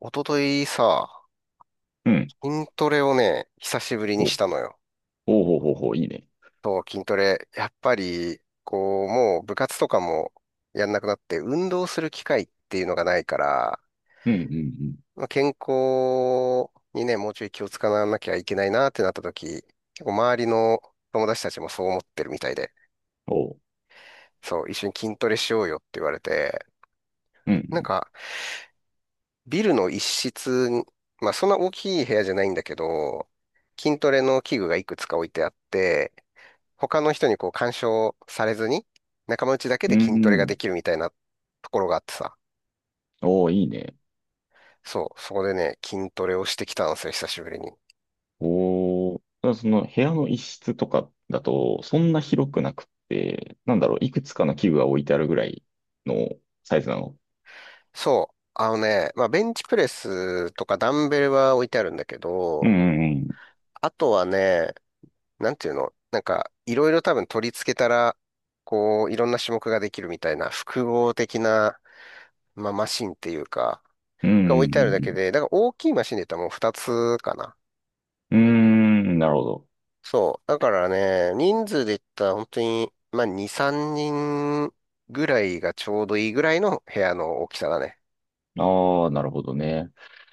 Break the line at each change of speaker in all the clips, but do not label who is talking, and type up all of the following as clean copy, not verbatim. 一昨日さ、
うん。
筋トレをね、久しぶりにし
お、
たのよ。
おうほうほうほう、いいね。
そう、筋トレ。やっぱり、こう、もう部活とかもやんなくなって、運動する機会っていうのがないから、
うん、うん、うん。
まあ健康にね、もうちょい気を使わなきゃいけないなってなった時、結構周りの友達たちもそう思ってるみたいで、
おう、
そう、一緒に筋トレしようよって言われて、
う
なん
ん、
か、ビルの一室に、まあそんな大きい部屋じゃないんだけど、筋トレの器具がいくつか置いてあって、他の人にこう干渉されずに、仲間内だけ
う
で
ん、
筋ト
う
レが
ん。
できるみたいなところがあってさ。
おーいいね。
そう、そこでね、筋トレをしてきたんですよ、久しぶりに。
おー、ただその部屋の一室とかだと、そんな広くなくって、なんだろう、いくつかの器具が置いてあるぐらいのサイズなの。
そう、あのね、まあ、ベンチプレスとかダンベルは置いてあるんだけ
うん、
ど、
うん、
あとはね、なんていうの、なんか、いろいろ多分取り付けたら、こう、いろんな種目ができるみたいな、複合的な、まあ、マシンっていうか、
うん。う
が
ん、
置いてあるだ
う
け
ん、
で、だから大きいマシンで言ったらもう2つかな。
うん。うん、うーん、なるほど。
そう。だからね、人数で言ったら本当に、まあ、2、3人ぐらいがちょうどいいぐらいの部屋の大きさだね。
ああ、なるほどね。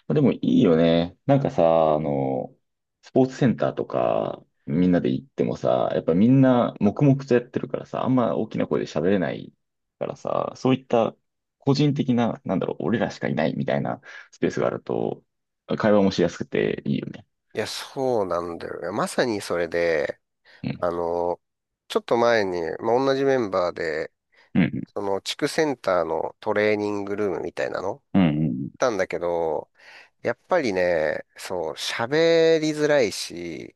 まあでもいいよね。なんかさ、スポーツセンターとか、みんなで行ってもさ、やっぱみんな黙々とやってるからさ、あんま大きな声で喋れないからさ、そういった個人的な、なんだろう、俺らしかいないみたいなスペースがあると、会話もしやすくていいよね。
いや、そうなんだよね。まさにそれで、
うん。
あの、ちょっと前に、まあ、同じメンバーで、
うん。
その地区センターのトレーニングルームみたいなの行っ
うん。うん。
たんだけど、やっぱりね、そう、喋りづらいし、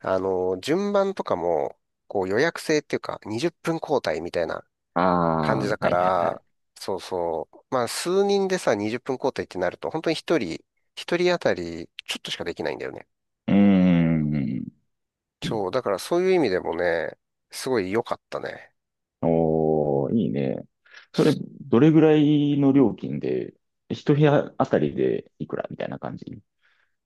あの、順番とかも、こう予約制っていうか、20分交代みたいな
あ
感
あ、
じ
は
だか
いはいは
ら、
い。
そうそう。まあ、数人でさ、20分交代ってなると、本当に一人当たり、ちょっとしかできないんだよね。
うーん。
そう、だからそういう意味でもね、すごい良かったね。
おー、いいね。それ、どれぐらいの料金で、一部屋あたりでいくらみたいな感じ？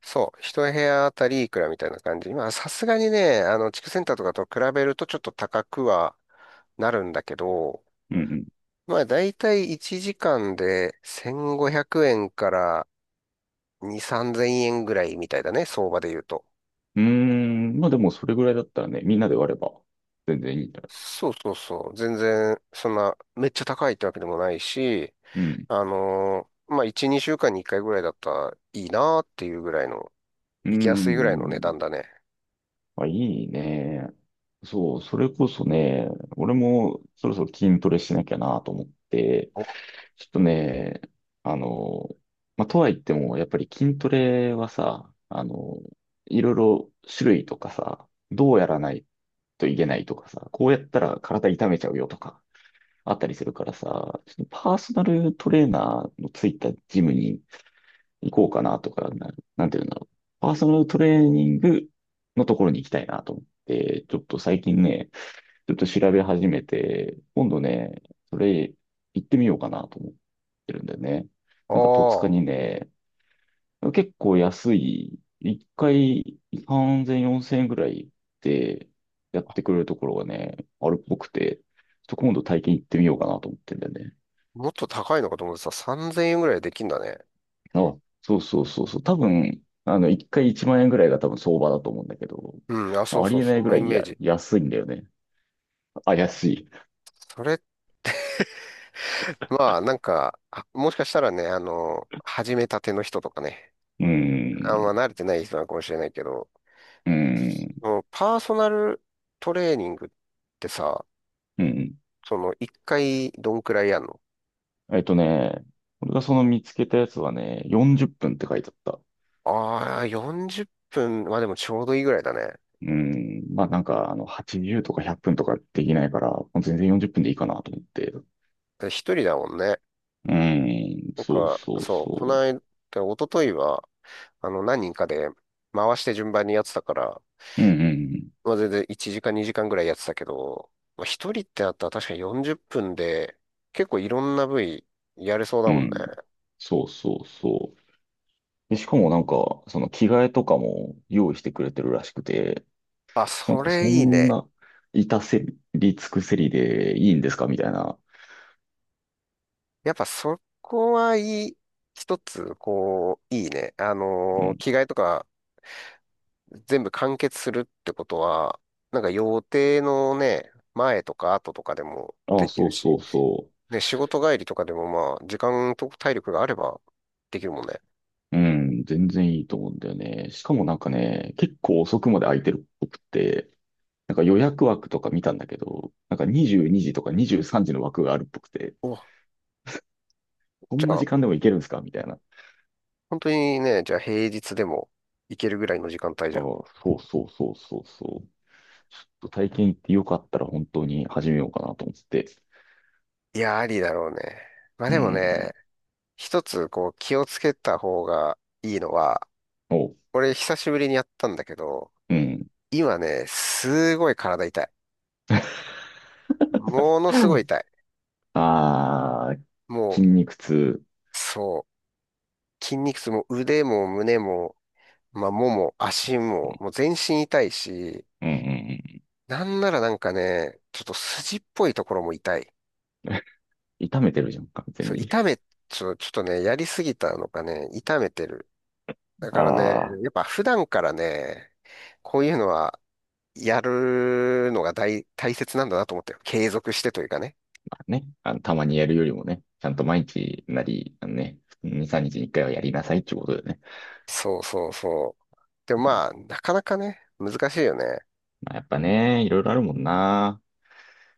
そう、一部屋あたりいくらみたいな感じ。まあ、さすがにね、あの、地区センターとかと比べるとちょっと高くはなるんだけど、
うん、
まあ、だいたい1時間で1500円から2、3000円ぐらいみたいだね、相場で言うと。
うん。うーん、まあでもそれぐらいだったらね、みんなで割れば全然いいんだ。
そうそうそう。全然、そんな、めっちゃ高いってわけでもないし、
うん。
まあ、1、2週間に1回ぐらいだったらいいなーっていうぐらいの、
うー
行きやすいぐらいの値
ん。
段だね。
あ、いいね。そう、それこそね、俺もそろそろ筋トレしなきゃなと思って、
お、
ちょっとね、あの、まあ、とはいっても、やっぱり筋トレはさ、いろいろ種類とかさ、どうやらないといけないとかさ、こうやったら体痛めちゃうよとか、あったりするからさ、ちょっとパーソナルトレーナーのついたジムに行こうかなとか、なんていうんだろう。パーソナルトレーニングのところに行きたいなと思って、ちょっと最近ね、ちょっと調べ始めて、今度ね、それ行ってみようかなと思ってるんだよね。
あ
なんか戸塚
あ、
にね、結構安い、一回3 0 0 4000円ぐらいでやってくれるところがね、あるっぽくて、ちょっと今度体験行ってみようかなと思ってんだよね。
もっと高いのかと思ってた。3000円ぐらいできんだね。
あ、そうそうそうそう。多分、一回1万円ぐらいが多分相場だと思うんだけど、
うん、あ、そう
あ
そ
り
う、
えな
そ
いぐ
の
ら
イ
い
メージ。
安いんだよね。あ、安い。
それ、まあ、なんか、あもしかしたらね、あの始めたての人とかね、
うー
あんま
ん、
慣れてない人なのかもしれないけど、
うー
そ
ん、
のパーソナルトレーニングってさ、
うん。
その、1回どんくらいやんの？
えっとね、俺がその見つけたやつはね、40分っぷんって書いてあった。
ああ、40分、まあでもちょうどいいぐらいだね。
うーん、まあなんか、80とか100分とかできないから、もう全然40分でいいかなと思って。う
で一人だもんね。
ーん、
なん
そう
か、
そう
そう、この
そ
間、一昨日は、あの、何人かで回して順番にやってたから、
う。うん、
まあ全然1時間2時間ぐらいやってたけど、まあ一人ってなったら確かに40分で、結構いろんな部位やれそう
う
だ
ん、
もん
う
ね。
ん。そうそうそう。で、しかもなんか、その着替えとかも用意してくれてるらしくて、
あ、
なん
そ
か
れ
そ
いい
ん
ね。
な、至せり尽くせりでいいんですかみたいな。
やっぱそこはいい、一つ、こう、いいね。
うん。
着替えとか全部完結するってことは、なんか予定のね、前とか後とかでも
あ
で
あ、
き
そ
る
うそ
し、
うそ
ね仕事帰りとかでもまあ、時間と体力があればできるもんね。
う。うん、全然いいと思うんだよね。しかもなんかね、結構遅くまで空いてるっぽくって、なんか予約枠とか見たんだけど、なんか22時とか23時の枠があるっぽくて、
お、
こ
じ
ん
ゃ
な
あ、
時間でも行けるんですかみたいな。
本当にね、じゃあ平日でも行けるぐらいの時間帯じ
あ
ゃ
あ、
ん。
そうそうそうそうそう。ちょっと体験行ってよかったら本当に始めようかなと思って。
いや、ありだろうね。まあ
う
でも
ん、
ね、一つこう気をつけた方がいいのは、
お、
俺久しぶりにやったんだけど、
うん。
今ね、すごい体痛い。ものすごい痛い。
ああ、
もう、
筋肉痛。
そう筋肉痛も腕も胸も、まあ、もも、足も、もう全身痛いし、
うん、うん、
なんならなんかね、ちょっと筋っぽいところも痛い。
うん。痛めてるじゃん、完全
そう、
に。
ちょっとね、やりすぎたのかね、痛めてる。だからね、
ああ、
やっぱ普段からね、こういうのはやるのが大切なんだなと思ったよ。継続してというかね。
ね。たまにやるよりもね、ちゃんと毎日なり、2、3日に1回はやりなさいってことでね。
そうそうそう。でもまあ、なかなかね、難しいよね。
まあ、やっぱね、いろいろあるもんな。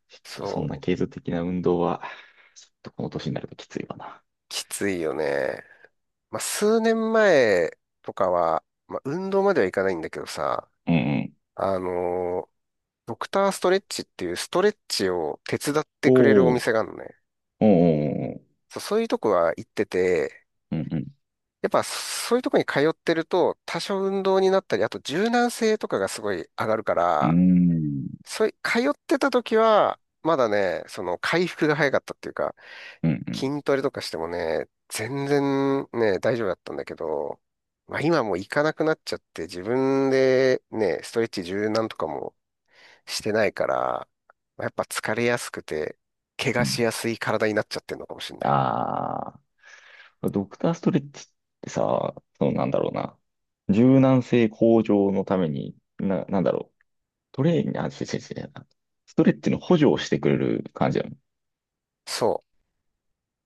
ちょっとそんな
そう、
継続的な運動は、ちょっとこの年になるときついわな。
きついよね。まあ、数年前とかは、まあ、運動まではいかないんだけどさ、
うん、うん、
あのードクターストレッチっていうストレッチを手伝ってくれるお
おー、
店があるのね。
おー、おー、おー、
そう、そういうとこは行ってて、
うん、うん、
やっぱそういうとこに通ってると多少運動になったり、あと柔軟性とかがすごい上がるか
うー
ら、
ん、
そうい、通ってた時は、まだね、その回復が早かったっていうか、
うん、うん、
筋トレとかしてもね、全然ね、大丈夫だったんだけど、まあ今もう行かなくなっちゃって自分でね、ストレッチ柔軟とかもしてないから、まあやっぱ疲れやすくて、怪
う
我
ん、
しやすい体になっちゃってるのかもしれない。
ああ、ドクターストレッチってさ、なんだろうな。柔軟性向上のために、なんだろう。トレーニング、あ、違う違う違う。ストレッチの補助をしてくれる感じだよ。
そ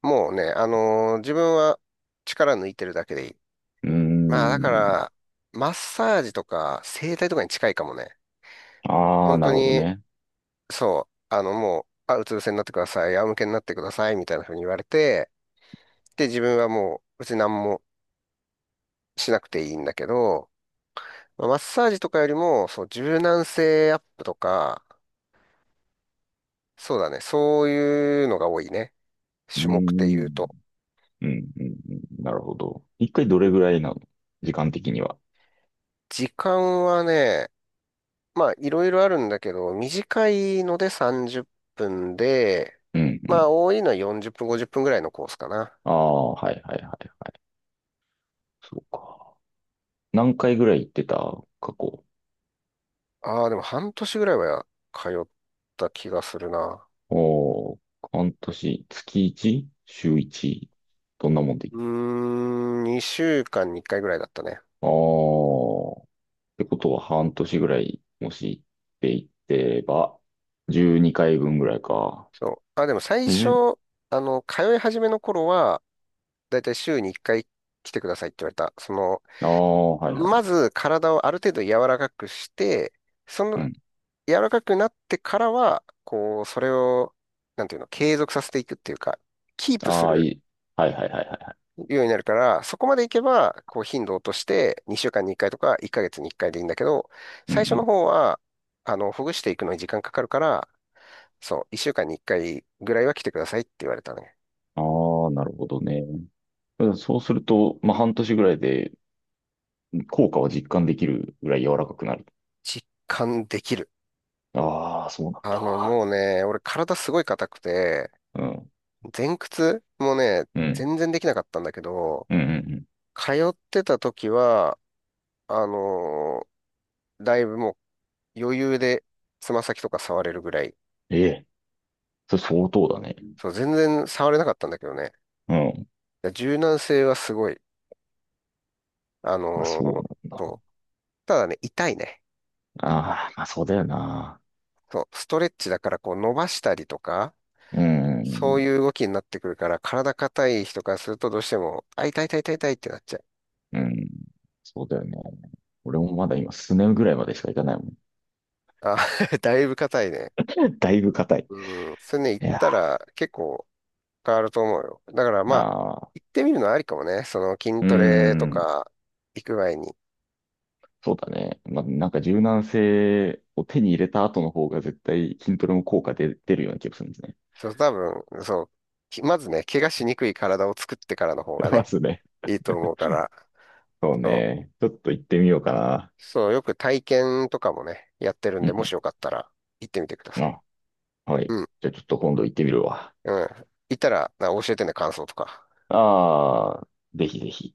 う。もうね、自分は力抜いてるだけでいい。
うー
まあだか
ん。
ら、マッサージとか整体とかに近いかもね。
ああ、
本
な
当
るほど
に、
ね。
そう、あのもう、あ、うつ伏せになってください、仰向けになってください、みたいな風に言われて、自分はもう別に何もしなくていいんだけど、まあマッサージとかよりも、そう、柔軟性アップとか、そうだね、そういうのが多いね。
うー
種目で言
ん。
うと。
うん、うん、うん。なるほど。一回どれぐらいなの時間的には？
時間はね、まあいろいろあるんだけど、短いので30分で、
うん、う
ま
ん。
あ多いのは40分、50分ぐらいのコースかな。
ああ、はい、はい、はい、はい。そうか。何回ぐらい行ってた過去？
ああ、でも半年ぐらいは通った気がするな。
おー、半年、月 1？ 週 1？ どんなもんで？
うーん、2週間に1回ぐらいだったね。
ああ、ってことは半年ぐらい、もし行っていってば、12回分ぐらいか。
そう。あ、でも最初、
え、
あの、通い始めの頃は、だいたい週に1回来てくださいって言われた。その、
ああ、はいは
ま
い。
ず体をある程度柔らかくして、そ
う
の、
ん。
柔らかくなってからは、こう、それを、なんていうの、継続させていくっていうか、キープす
ああ、い
る
い。はい、はい、はい、はい、はい。
ようになるから、そこまでいけば、こう、頻度を落として、2週間に1回とか、1ヶ月に1回でいいんだけど、
うん、
最初
う
の
ん。
方は、あの、ほぐしていくのに時間かかるから、そう、1週間に1回ぐらいは来てくださいって言われたね。
ああ、なるほどね。そうすると、まあ、半年ぐらいで効果を実感できるぐらい柔らかくなる？
実感できる。
ああ、そうなん
あ
だ
の、
わ。
もうね、俺体すごい硬くて、
うん。
前屈もね、
うん。
全然できなかったんだけど、
うん、うん、うん。
通ってた時は、あのだいぶもう余裕でつま先とか触れるぐらい。
ええ。それ相当だね。
そう、全然触れなかったんだけどね。
うん。
柔軟性はすごい。あ
あ、
の
そうな
ー
ん
そ
だ。
う。ただね、痛いね。
ああ、まあそうだよな。
そう、ストレッチだからこう伸ばしたりとか、
う
そう
ん。
いう動きになってくるから、体硬い人からするとどうしても、あ、痛い痛い痛い痛いってなっちゃう。
うん。そうだよね。俺もまだ今、スネぐらいまでしか行かないもん。
あ、だいぶ硬いね。
だいぶ硬い。
うん。それね、行
い
っ
や
たら結構変わると思うよ。だから
ー、
まあ、
あ
行
あ、
ってみるのはありかもね。その筋
うー
トレと
ん。
か行く前に。
そうだね。まあ、なんか柔軟性を手に入れた後の方が絶対筋トレも効果出るような気がするんですね。
そう、多分、そう、まずね、怪我しにくい体を作ってからの方が
ま
ね、
すね。
いいと思うから、
そう
そ
ね。ちょっと行ってみようかな。
う、そう、よく体験とかもね、やってるん
う
で、もし
ん、
よかったら行ってみてくだ
うん。
さい。
あ、はい。
うん。
じゃあちょっと今度行ってみるわ。
うん。行ったら、教えてね、感想とか。
ああ、ぜひぜひ。